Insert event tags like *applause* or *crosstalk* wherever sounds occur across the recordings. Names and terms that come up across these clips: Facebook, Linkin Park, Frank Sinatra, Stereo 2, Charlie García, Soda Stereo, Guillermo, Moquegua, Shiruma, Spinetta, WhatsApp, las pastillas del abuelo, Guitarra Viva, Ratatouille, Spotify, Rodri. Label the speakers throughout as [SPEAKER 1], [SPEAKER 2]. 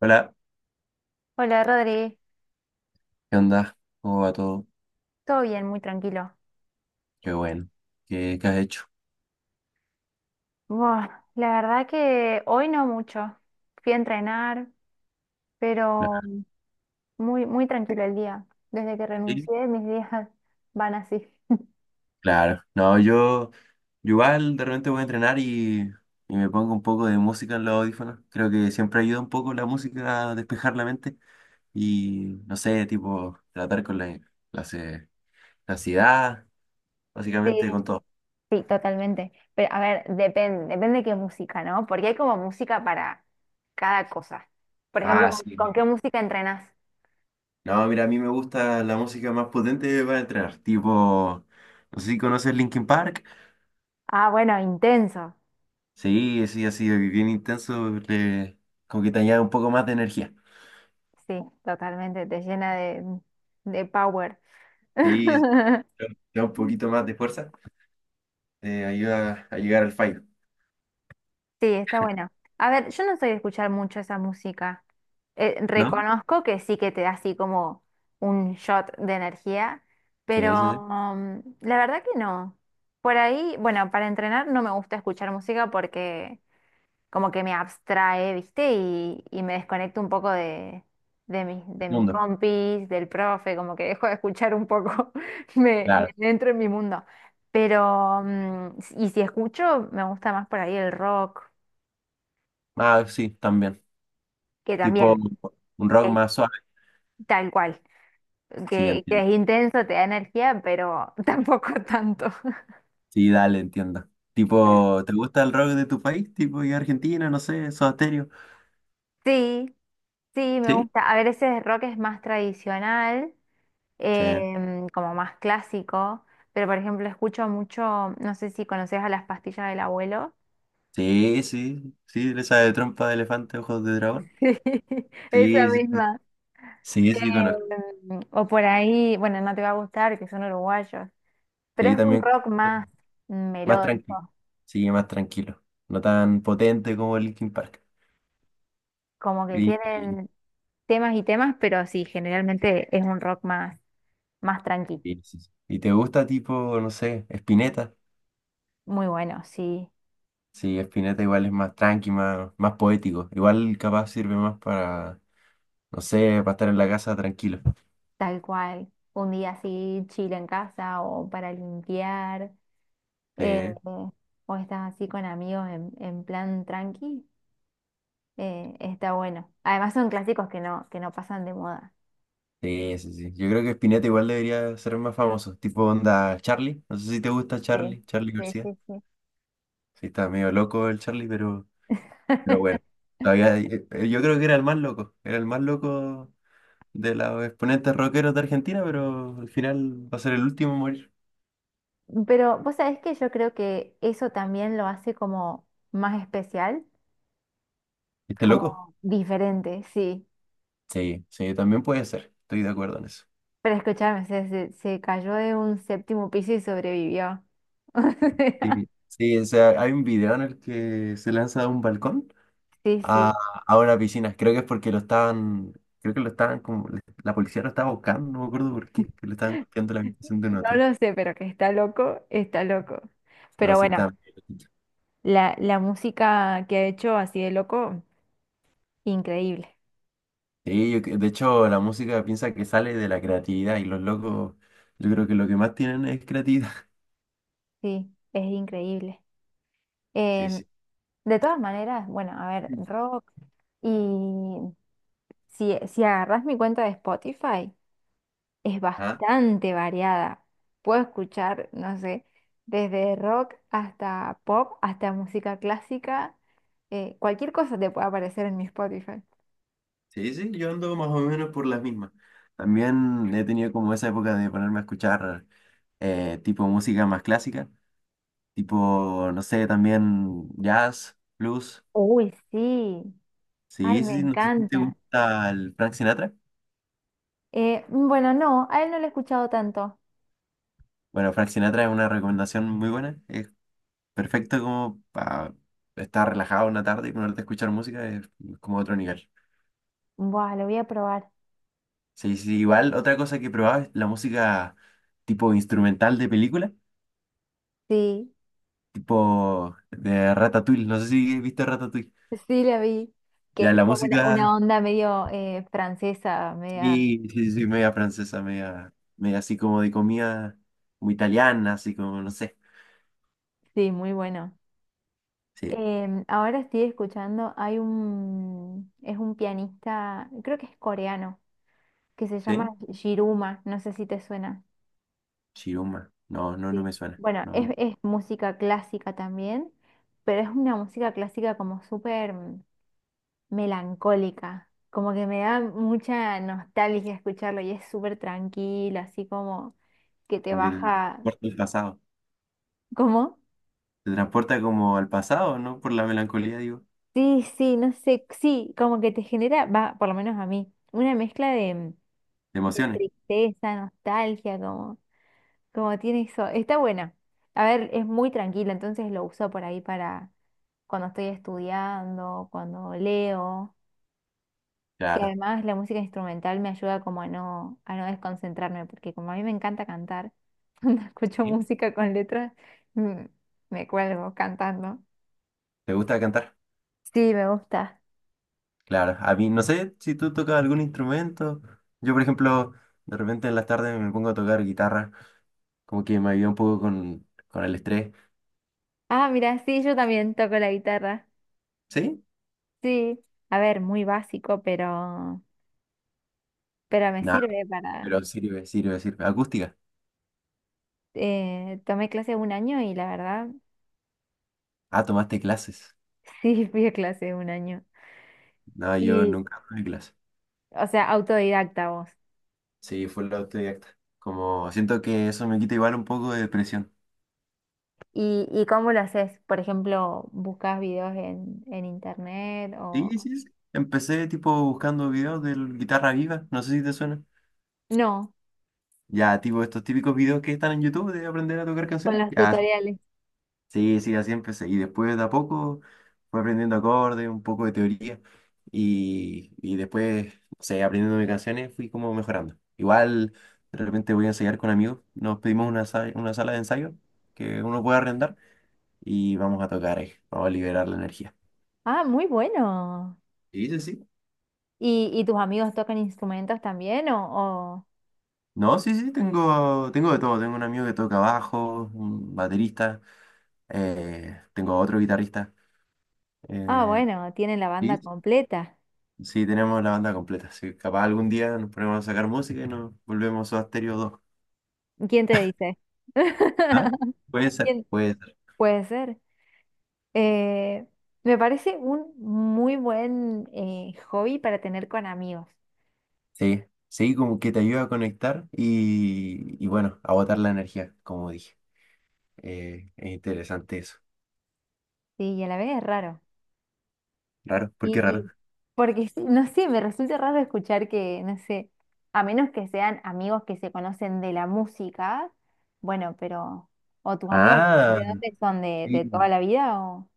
[SPEAKER 1] Hola,
[SPEAKER 2] Hola Rodri,
[SPEAKER 1] ¿qué onda? ¿Cómo va todo?
[SPEAKER 2] todo bien, muy tranquilo.
[SPEAKER 1] Qué bueno. ¿Qué has hecho?
[SPEAKER 2] Buah, la verdad que hoy no mucho. Fui a entrenar, pero
[SPEAKER 1] Claro.
[SPEAKER 2] muy, muy tranquilo el día. Desde que
[SPEAKER 1] Sí.
[SPEAKER 2] renuncié, mis días *laughs* van así.
[SPEAKER 1] Claro. No, yo igual de repente voy a entrenar y me pongo un poco de música en los audífonos. Creo que siempre ayuda un poco la música a despejar la mente y, no sé, tipo, tratar con la, ce- la ansiedad,
[SPEAKER 2] Sí,
[SPEAKER 1] básicamente con todo.
[SPEAKER 2] sí, totalmente. Pero a ver, depende, depende qué música, ¿no? Porque hay como música para cada cosa. Por ejemplo,
[SPEAKER 1] Ah,
[SPEAKER 2] ¿con qué
[SPEAKER 1] sí.
[SPEAKER 2] música entrenas?
[SPEAKER 1] No, mira, a mí me gusta la música más potente para entrenar. Tipo, no sé si conoces Linkin Park.
[SPEAKER 2] Ah, bueno, intenso.
[SPEAKER 1] Sí, sí, ha sido bien intenso, como que te añade un poco más de energía.
[SPEAKER 2] Sí, totalmente, te llena de power.
[SPEAKER 1] Sí,
[SPEAKER 2] *laughs*
[SPEAKER 1] te da un poquito más de fuerza, te ayuda a llegar al fallo,
[SPEAKER 2] Sí, está bueno. A ver, yo no soy de escuchar mucho esa música.
[SPEAKER 1] ¿no?
[SPEAKER 2] Reconozco que sí que te da así como un shot de energía,
[SPEAKER 1] Sí, sí,
[SPEAKER 2] pero
[SPEAKER 1] sí.
[SPEAKER 2] la verdad que no. Por ahí, bueno, para entrenar no me gusta escuchar música porque como que me abstrae, ¿viste? Y me desconecto un poco
[SPEAKER 1] El
[SPEAKER 2] de mis
[SPEAKER 1] mundo,
[SPEAKER 2] compis, del profe, como que dejo de escuchar un poco, *laughs*
[SPEAKER 1] claro.
[SPEAKER 2] me entro en mi mundo. Pero, y si escucho, me gusta más por ahí el rock,
[SPEAKER 1] Ah, sí, también.
[SPEAKER 2] que
[SPEAKER 1] Tipo
[SPEAKER 2] también
[SPEAKER 1] un rock
[SPEAKER 2] es
[SPEAKER 1] más suave.
[SPEAKER 2] tal cual,
[SPEAKER 1] Sí,
[SPEAKER 2] que
[SPEAKER 1] entiendo.
[SPEAKER 2] es intenso, te da energía, pero *laughs* tampoco tanto.
[SPEAKER 1] Sí, dale, entiendo. Tipo, ¿te gusta el rock de tu país? Tipo, y Argentina, no sé, Soda Stereo.
[SPEAKER 2] Sí, sí, me
[SPEAKER 1] Sí,
[SPEAKER 2] gusta. A ver, ese rock es más tradicional,
[SPEAKER 1] sí,
[SPEAKER 2] como más clásico, pero por ejemplo escucho mucho, no sé si conoces a Las Pastillas del Abuelo. *laughs*
[SPEAKER 1] sí, sí, sí, esa de trompa de elefante, ojos de dragón.
[SPEAKER 2] Sí, esa
[SPEAKER 1] Sí, sí,
[SPEAKER 2] misma.
[SPEAKER 1] sí, sí, sí, conozco.
[SPEAKER 2] O por ahí, bueno, no te va a gustar, que son uruguayos, pero
[SPEAKER 1] Sí,
[SPEAKER 2] es un
[SPEAKER 1] también.
[SPEAKER 2] rock más
[SPEAKER 1] Más tranquilo.
[SPEAKER 2] melódico,
[SPEAKER 1] Sí, más tranquilo. No tan potente como Linkin Park.
[SPEAKER 2] como que
[SPEAKER 1] Y, y,
[SPEAKER 2] tienen temas y temas, pero sí, generalmente es un rock más, más tranqui.
[SPEAKER 1] sí, sí. ¿Y te gusta tipo, no sé, Spinetta?
[SPEAKER 2] Muy bueno, sí,
[SPEAKER 1] Sí, Spinetta igual es más tranqui, más, más poético. Igual capaz sirve más para, no sé, para estar en la casa tranquilo.
[SPEAKER 2] tal cual. Un día así, chile en casa o para limpiar,
[SPEAKER 1] Sí,
[SPEAKER 2] eh, o estás así con amigos en plan tranqui, está bueno. Además son clásicos que no pasan de moda.
[SPEAKER 1] sí, sí, sí. Yo creo que Spinetta igual debería ser más famoso. Tipo onda Charlie. No sé si te gusta
[SPEAKER 2] Sí,
[SPEAKER 1] Charlie, Charlie
[SPEAKER 2] sí,
[SPEAKER 1] García.
[SPEAKER 2] sí, sí.
[SPEAKER 1] Sí, está medio loco el Charlie, pero bueno.
[SPEAKER 2] *laughs*
[SPEAKER 1] Todavía, yo creo que era el más loco. Era el más loco de los exponentes rockeros de Argentina, pero al final va a ser el último en morir.
[SPEAKER 2] Pero vos sabés que yo creo que eso también lo hace como más especial,
[SPEAKER 1] ¿Viste loco?
[SPEAKER 2] como diferente, sí.
[SPEAKER 1] Sí, sí, también puede ser. Estoy de acuerdo en eso.
[SPEAKER 2] Pero escúchame, se cayó de un séptimo piso y sobrevivió. *laughs* O
[SPEAKER 1] Sí, sí, o sea, hay un video en el que se lanza de un balcón
[SPEAKER 2] sea, sí,
[SPEAKER 1] a,
[SPEAKER 2] sí.
[SPEAKER 1] a una piscina. Creo que es porque lo estaban, creo que lo estaban como, la policía lo estaba buscando, no me acuerdo por qué, que le estaban golpeando la habitación de un
[SPEAKER 2] No
[SPEAKER 1] hotel.
[SPEAKER 2] lo sé, pero que está loco, está loco.
[SPEAKER 1] No,
[SPEAKER 2] Pero
[SPEAKER 1] sí,
[SPEAKER 2] bueno,
[SPEAKER 1] está medio loquito.
[SPEAKER 2] la música que ha hecho así de loco, increíble.
[SPEAKER 1] Sí, de hecho, la música piensa que sale de la creatividad y los locos, yo creo que lo que más tienen es creatividad.
[SPEAKER 2] Sí, es increíble.
[SPEAKER 1] *laughs* Sí,
[SPEAKER 2] Em,
[SPEAKER 1] sí.
[SPEAKER 2] de todas maneras, bueno, a ver, rock. Y si agarras mi cuenta de Spotify, es
[SPEAKER 1] ¿Ah?
[SPEAKER 2] bastante variada. Puedo escuchar, no sé, desde rock hasta pop, hasta música clásica. Cualquier cosa te puede aparecer en mi Spotify.
[SPEAKER 1] Sí, sí, yo ando más o menos por las mismas. También he tenido como esa época de ponerme a escuchar tipo música más clásica, tipo, no sé, también jazz, blues.
[SPEAKER 2] Uy, sí. Ay,
[SPEAKER 1] Sí, sí,
[SPEAKER 2] me
[SPEAKER 1] sí, no sé si te
[SPEAKER 2] encanta.
[SPEAKER 1] gusta el Frank Sinatra.
[SPEAKER 2] Bueno, no, a él no lo he escuchado tanto.
[SPEAKER 1] Bueno, Frank Sinatra es una recomendación muy buena. Es perfecto como para estar relajado una tarde y ponerte a escuchar música, es como otro nivel.
[SPEAKER 2] Buah, lo voy a probar.
[SPEAKER 1] Sí, sí, igual otra cosa que probaba es la música tipo instrumental de película.
[SPEAKER 2] Sí,
[SPEAKER 1] Tipo de Ratatouille, no sé si viste Ratatouille.
[SPEAKER 2] sí la vi. Que
[SPEAKER 1] Ya
[SPEAKER 2] es
[SPEAKER 1] la
[SPEAKER 2] como una
[SPEAKER 1] música,
[SPEAKER 2] onda medio francesa, media.
[SPEAKER 1] sí, sí, sí, media francesa, media, media así como de comida como italiana, así como, no sé.
[SPEAKER 2] Sí, muy bueno.
[SPEAKER 1] Sí,
[SPEAKER 2] Ahora estoy escuchando, hay un, es un pianista, creo que es coreano, que se
[SPEAKER 1] sí,
[SPEAKER 2] llama Shiruma, no sé si te suena.
[SPEAKER 1] Chiruma. No, no, no
[SPEAKER 2] Sí.
[SPEAKER 1] me suena.
[SPEAKER 2] Bueno,
[SPEAKER 1] No,
[SPEAKER 2] es música clásica también, pero es una música clásica como súper melancólica, como que me da mucha nostalgia escucharlo y es súper tranquilo, así como que te
[SPEAKER 1] como que te
[SPEAKER 2] baja,
[SPEAKER 1] transporta al pasado.
[SPEAKER 2] ¿cómo?
[SPEAKER 1] Te transporta como al pasado, ¿no? Por la melancolía, digo.
[SPEAKER 2] Sí, sí, no sé, sí, como que te genera, va, por lo menos a mí, una mezcla
[SPEAKER 1] De
[SPEAKER 2] de
[SPEAKER 1] emociones.
[SPEAKER 2] tristeza, nostalgia, como, como tiene eso. Está buena. A ver, es muy tranquila, entonces lo uso por ahí para cuando estoy estudiando, cuando leo, que
[SPEAKER 1] Claro.
[SPEAKER 2] además la música instrumental me ayuda como a no desconcentrarme, porque como a mí me encanta cantar, *laughs* cuando escucho
[SPEAKER 1] ¿Sí?
[SPEAKER 2] música con letras, mm, me cuelgo cantando.
[SPEAKER 1] ¿Te gusta cantar?
[SPEAKER 2] Sí, me gusta.
[SPEAKER 1] Claro. A mí, no sé si tú tocas algún instrumento. Yo, por ejemplo, de repente en las tardes me pongo a tocar guitarra. Como que me ayuda un poco con el estrés.
[SPEAKER 2] Ah, mira, sí, yo también toco la guitarra.
[SPEAKER 1] ¿Sí?
[SPEAKER 2] Sí, a ver, muy básico, pero me
[SPEAKER 1] Nada,
[SPEAKER 2] sirve.
[SPEAKER 1] pero sirve, sirve, sirve. Acústica.
[SPEAKER 2] Tomé clase un año y la verdad,
[SPEAKER 1] Ah, tomaste clases.
[SPEAKER 2] *laughs* sí, fui a clase un año.
[SPEAKER 1] No, yo
[SPEAKER 2] Y
[SPEAKER 1] nunca tomé clases.
[SPEAKER 2] o sea, autodidacta vos.
[SPEAKER 1] Sí, fue la autodidacta. Como siento que eso me quita igual un poco de depresión.
[SPEAKER 2] Y cómo lo haces? Por ejemplo, ¿buscas videos en internet o...?
[SPEAKER 1] Sí, sí, sí. Empecé tipo buscando videos de Guitarra Viva, no sé si te suena.
[SPEAKER 2] No,
[SPEAKER 1] Ya, tipo estos típicos videos que están en YouTube de aprender a tocar
[SPEAKER 2] con
[SPEAKER 1] canciones.
[SPEAKER 2] los
[SPEAKER 1] Ya,
[SPEAKER 2] tutoriales.
[SPEAKER 1] sí, sí, así empecé. Y después de a poco fue aprendiendo acordes, un poco de teoría y después, no sé, aprendiendo mis canciones fui como mejorando. Igual de repente voy a ensayar con amigos, nos pedimos una sala de ensayo que uno puede arrendar y vamos a tocar ahí, vamos a liberar la energía.
[SPEAKER 2] Ah, muy bueno.
[SPEAKER 1] Sí, sí, sí.
[SPEAKER 2] Y tus amigos tocan instrumentos también o-
[SPEAKER 1] No, sí, sí, tengo, tengo de todo. Tengo un amigo que toca bajo, un baterista, tengo otro guitarrista.
[SPEAKER 2] Ah,
[SPEAKER 1] eh,
[SPEAKER 2] bueno, tienen la banda completa.
[SPEAKER 1] Sí, tenemos la banda completa. Sí, capaz algún día nos ponemos a sacar música y nos volvemos a Stereo 2.
[SPEAKER 2] ¿Quién te dice?
[SPEAKER 1] ¿Ah?
[SPEAKER 2] *laughs*
[SPEAKER 1] Puede ser,
[SPEAKER 2] ¿Quién?
[SPEAKER 1] puede ser.
[SPEAKER 2] Puede ser. Eh, Me parece un muy buen hobby para tener con amigos,
[SPEAKER 1] Sí, sí, como que te ayuda a conectar y bueno, a botar la energía, como dije. Es interesante eso.
[SPEAKER 2] sí, y a la vez es raro.
[SPEAKER 1] Raro, ¿por
[SPEAKER 2] Y,
[SPEAKER 1] qué raro?
[SPEAKER 2] y porque, sí, no sé, me resulta raro escuchar que, no sé, a menos que sean amigos que se conocen de la música, bueno, pero, o tus amigos,
[SPEAKER 1] Ah,
[SPEAKER 2] ¿de dónde son? De toda
[SPEAKER 1] sí.
[SPEAKER 2] la vida? O...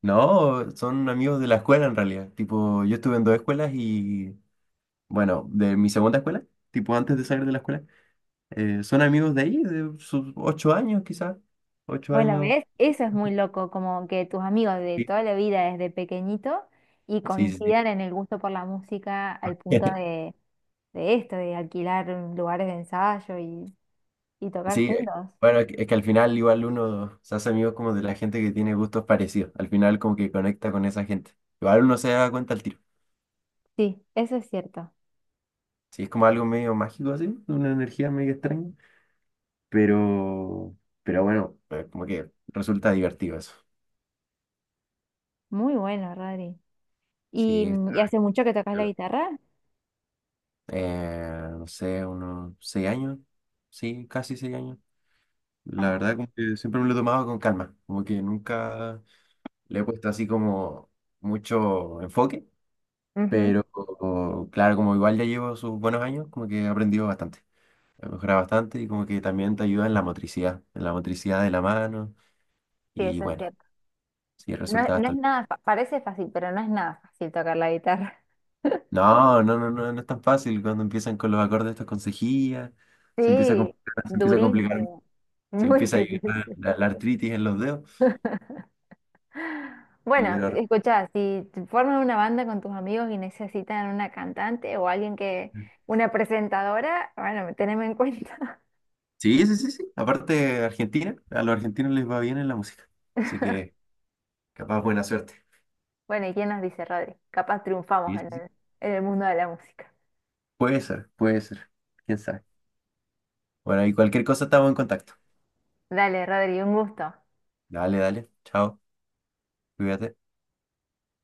[SPEAKER 1] No, son amigos de la escuela en realidad. Tipo, yo estuve en dos escuelas y, bueno, de mi segunda escuela, tipo antes de salir de la escuela, son amigos de ahí, de sus 8 años quizás, ocho
[SPEAKER 2] Bueno,
[SPEAKER 1] años.
[SPEAKER 2] ¿ves? Eso es muy loco, como que tus amigos de toda la vida desde pequeñito y
[SPEAKER 1] Sí, sí, sí.
[SPEAKER 2] coincidan en el gusto por la música al punto
[SPEAKER 1] *laughs*
[SPEAKER 2] de esto, de alquilar lugares de ensayo y tocar
[SPEAKER 1] Sí,
[SPEAKER 2] juntos.
[SPEAKER 1] bueno, es que al final igual uno se hace amigo como de la gente que tiene gustos parecidos. Al final como que conecta con esa gente. Igual uno se da cuenta al tiro.
[SPEAKER 2] Sí, eso es cierto.
[SPEAKER 1] Sí, es como algo medio mágico así, una energía medio extraña. Pero, pero bueno, como que resulta divertido eso.
[SPEAKER 2] Muy bueno, Rodri. ¿Y,
[SPEAKER 1] Sí,
[SPEAKER 2] y
[SPEAKER 1] está
[SPEAKER 2] hace mucho que tocas la
[SPEAKER 1] piola.
[SPEAKER 2] guitarra?
[SPEAKER 1] No sé, unos 6 años. Sí, casi 6 años. La
[SPEAKER 2] Ah,
[SPEAKER 1] verdad como que siempre me lo he tomado con calma. Como que nunca le he puesto así como mucho enfoque.
[SPEAKER 2] ujú.
[SPEAKER 1] Pero claro, como igual ya llevo sus buenos años, como que he aprendido bastante, he mejorado bastante y como que también te ayuda en la motricidad de la mano
[SPEAKER 2] Sí,
[SPEAKER 1] y
[SPEAKER 2] eso es
[SPEAKER 1] bueno,
[SPEAKER 2] cierto.
[SPEAKER 1] sí,
[SPEAKER 2] No, es-
[SPEAKER 1] resulta
[SPEAKER 2] no es
[SPEAKER 1] bastante.
[SPEAKER 2] nada, fa- parece fácil, pero no es nada fácil tocar la guitarra. *laughs*
[SPEAKER 1] No, no, no, no, no es tan fácil cuando empiezan con los acordes estos con cejilla, se empieza a
[SPEAKER 2] Sí,
[SPEAKER 1] complicar, se empieza a complicar,
[SPEAKER 2] durísimo,
[SPEAKER 1] se
[SPEAKER 2] muy *laughs*
[SPEAKER 1] empieza a ir la,
[SPEAKER 2] difícil.
[SPEAKER 1] la- la artritis en los dedos. Y,
[SPEAKER 2] Bueno,
[SPEAKER 1] pero,
[SPEAKER 2] escuchá, si te formas una banda con tus amigos y necesitan una cantante o alguien que, una presentadora, bueno, teneme en cuenta.
[SPEAKER 1] sí, sí, sí, sí, aparte Argentina, a los argentinos les va bien en la música, así que capaz buena suerte.
[SPEAKER 2] Bueno, ¿y quién nos dice, Rodri? Capaz triunfamos
[SPEAKER 1] Sí, sí, sí.
[SPEAKER 2] en el mundo de la música.
[SPEAKER 1] Puede ser, quién sabe. Bueno, y cualquier cosa estamos en contacto.
[SPEAKER 2] Dale, Rodri, un gusto.
[SPEAKER 1] Dale, dale. Chao. Cuídate.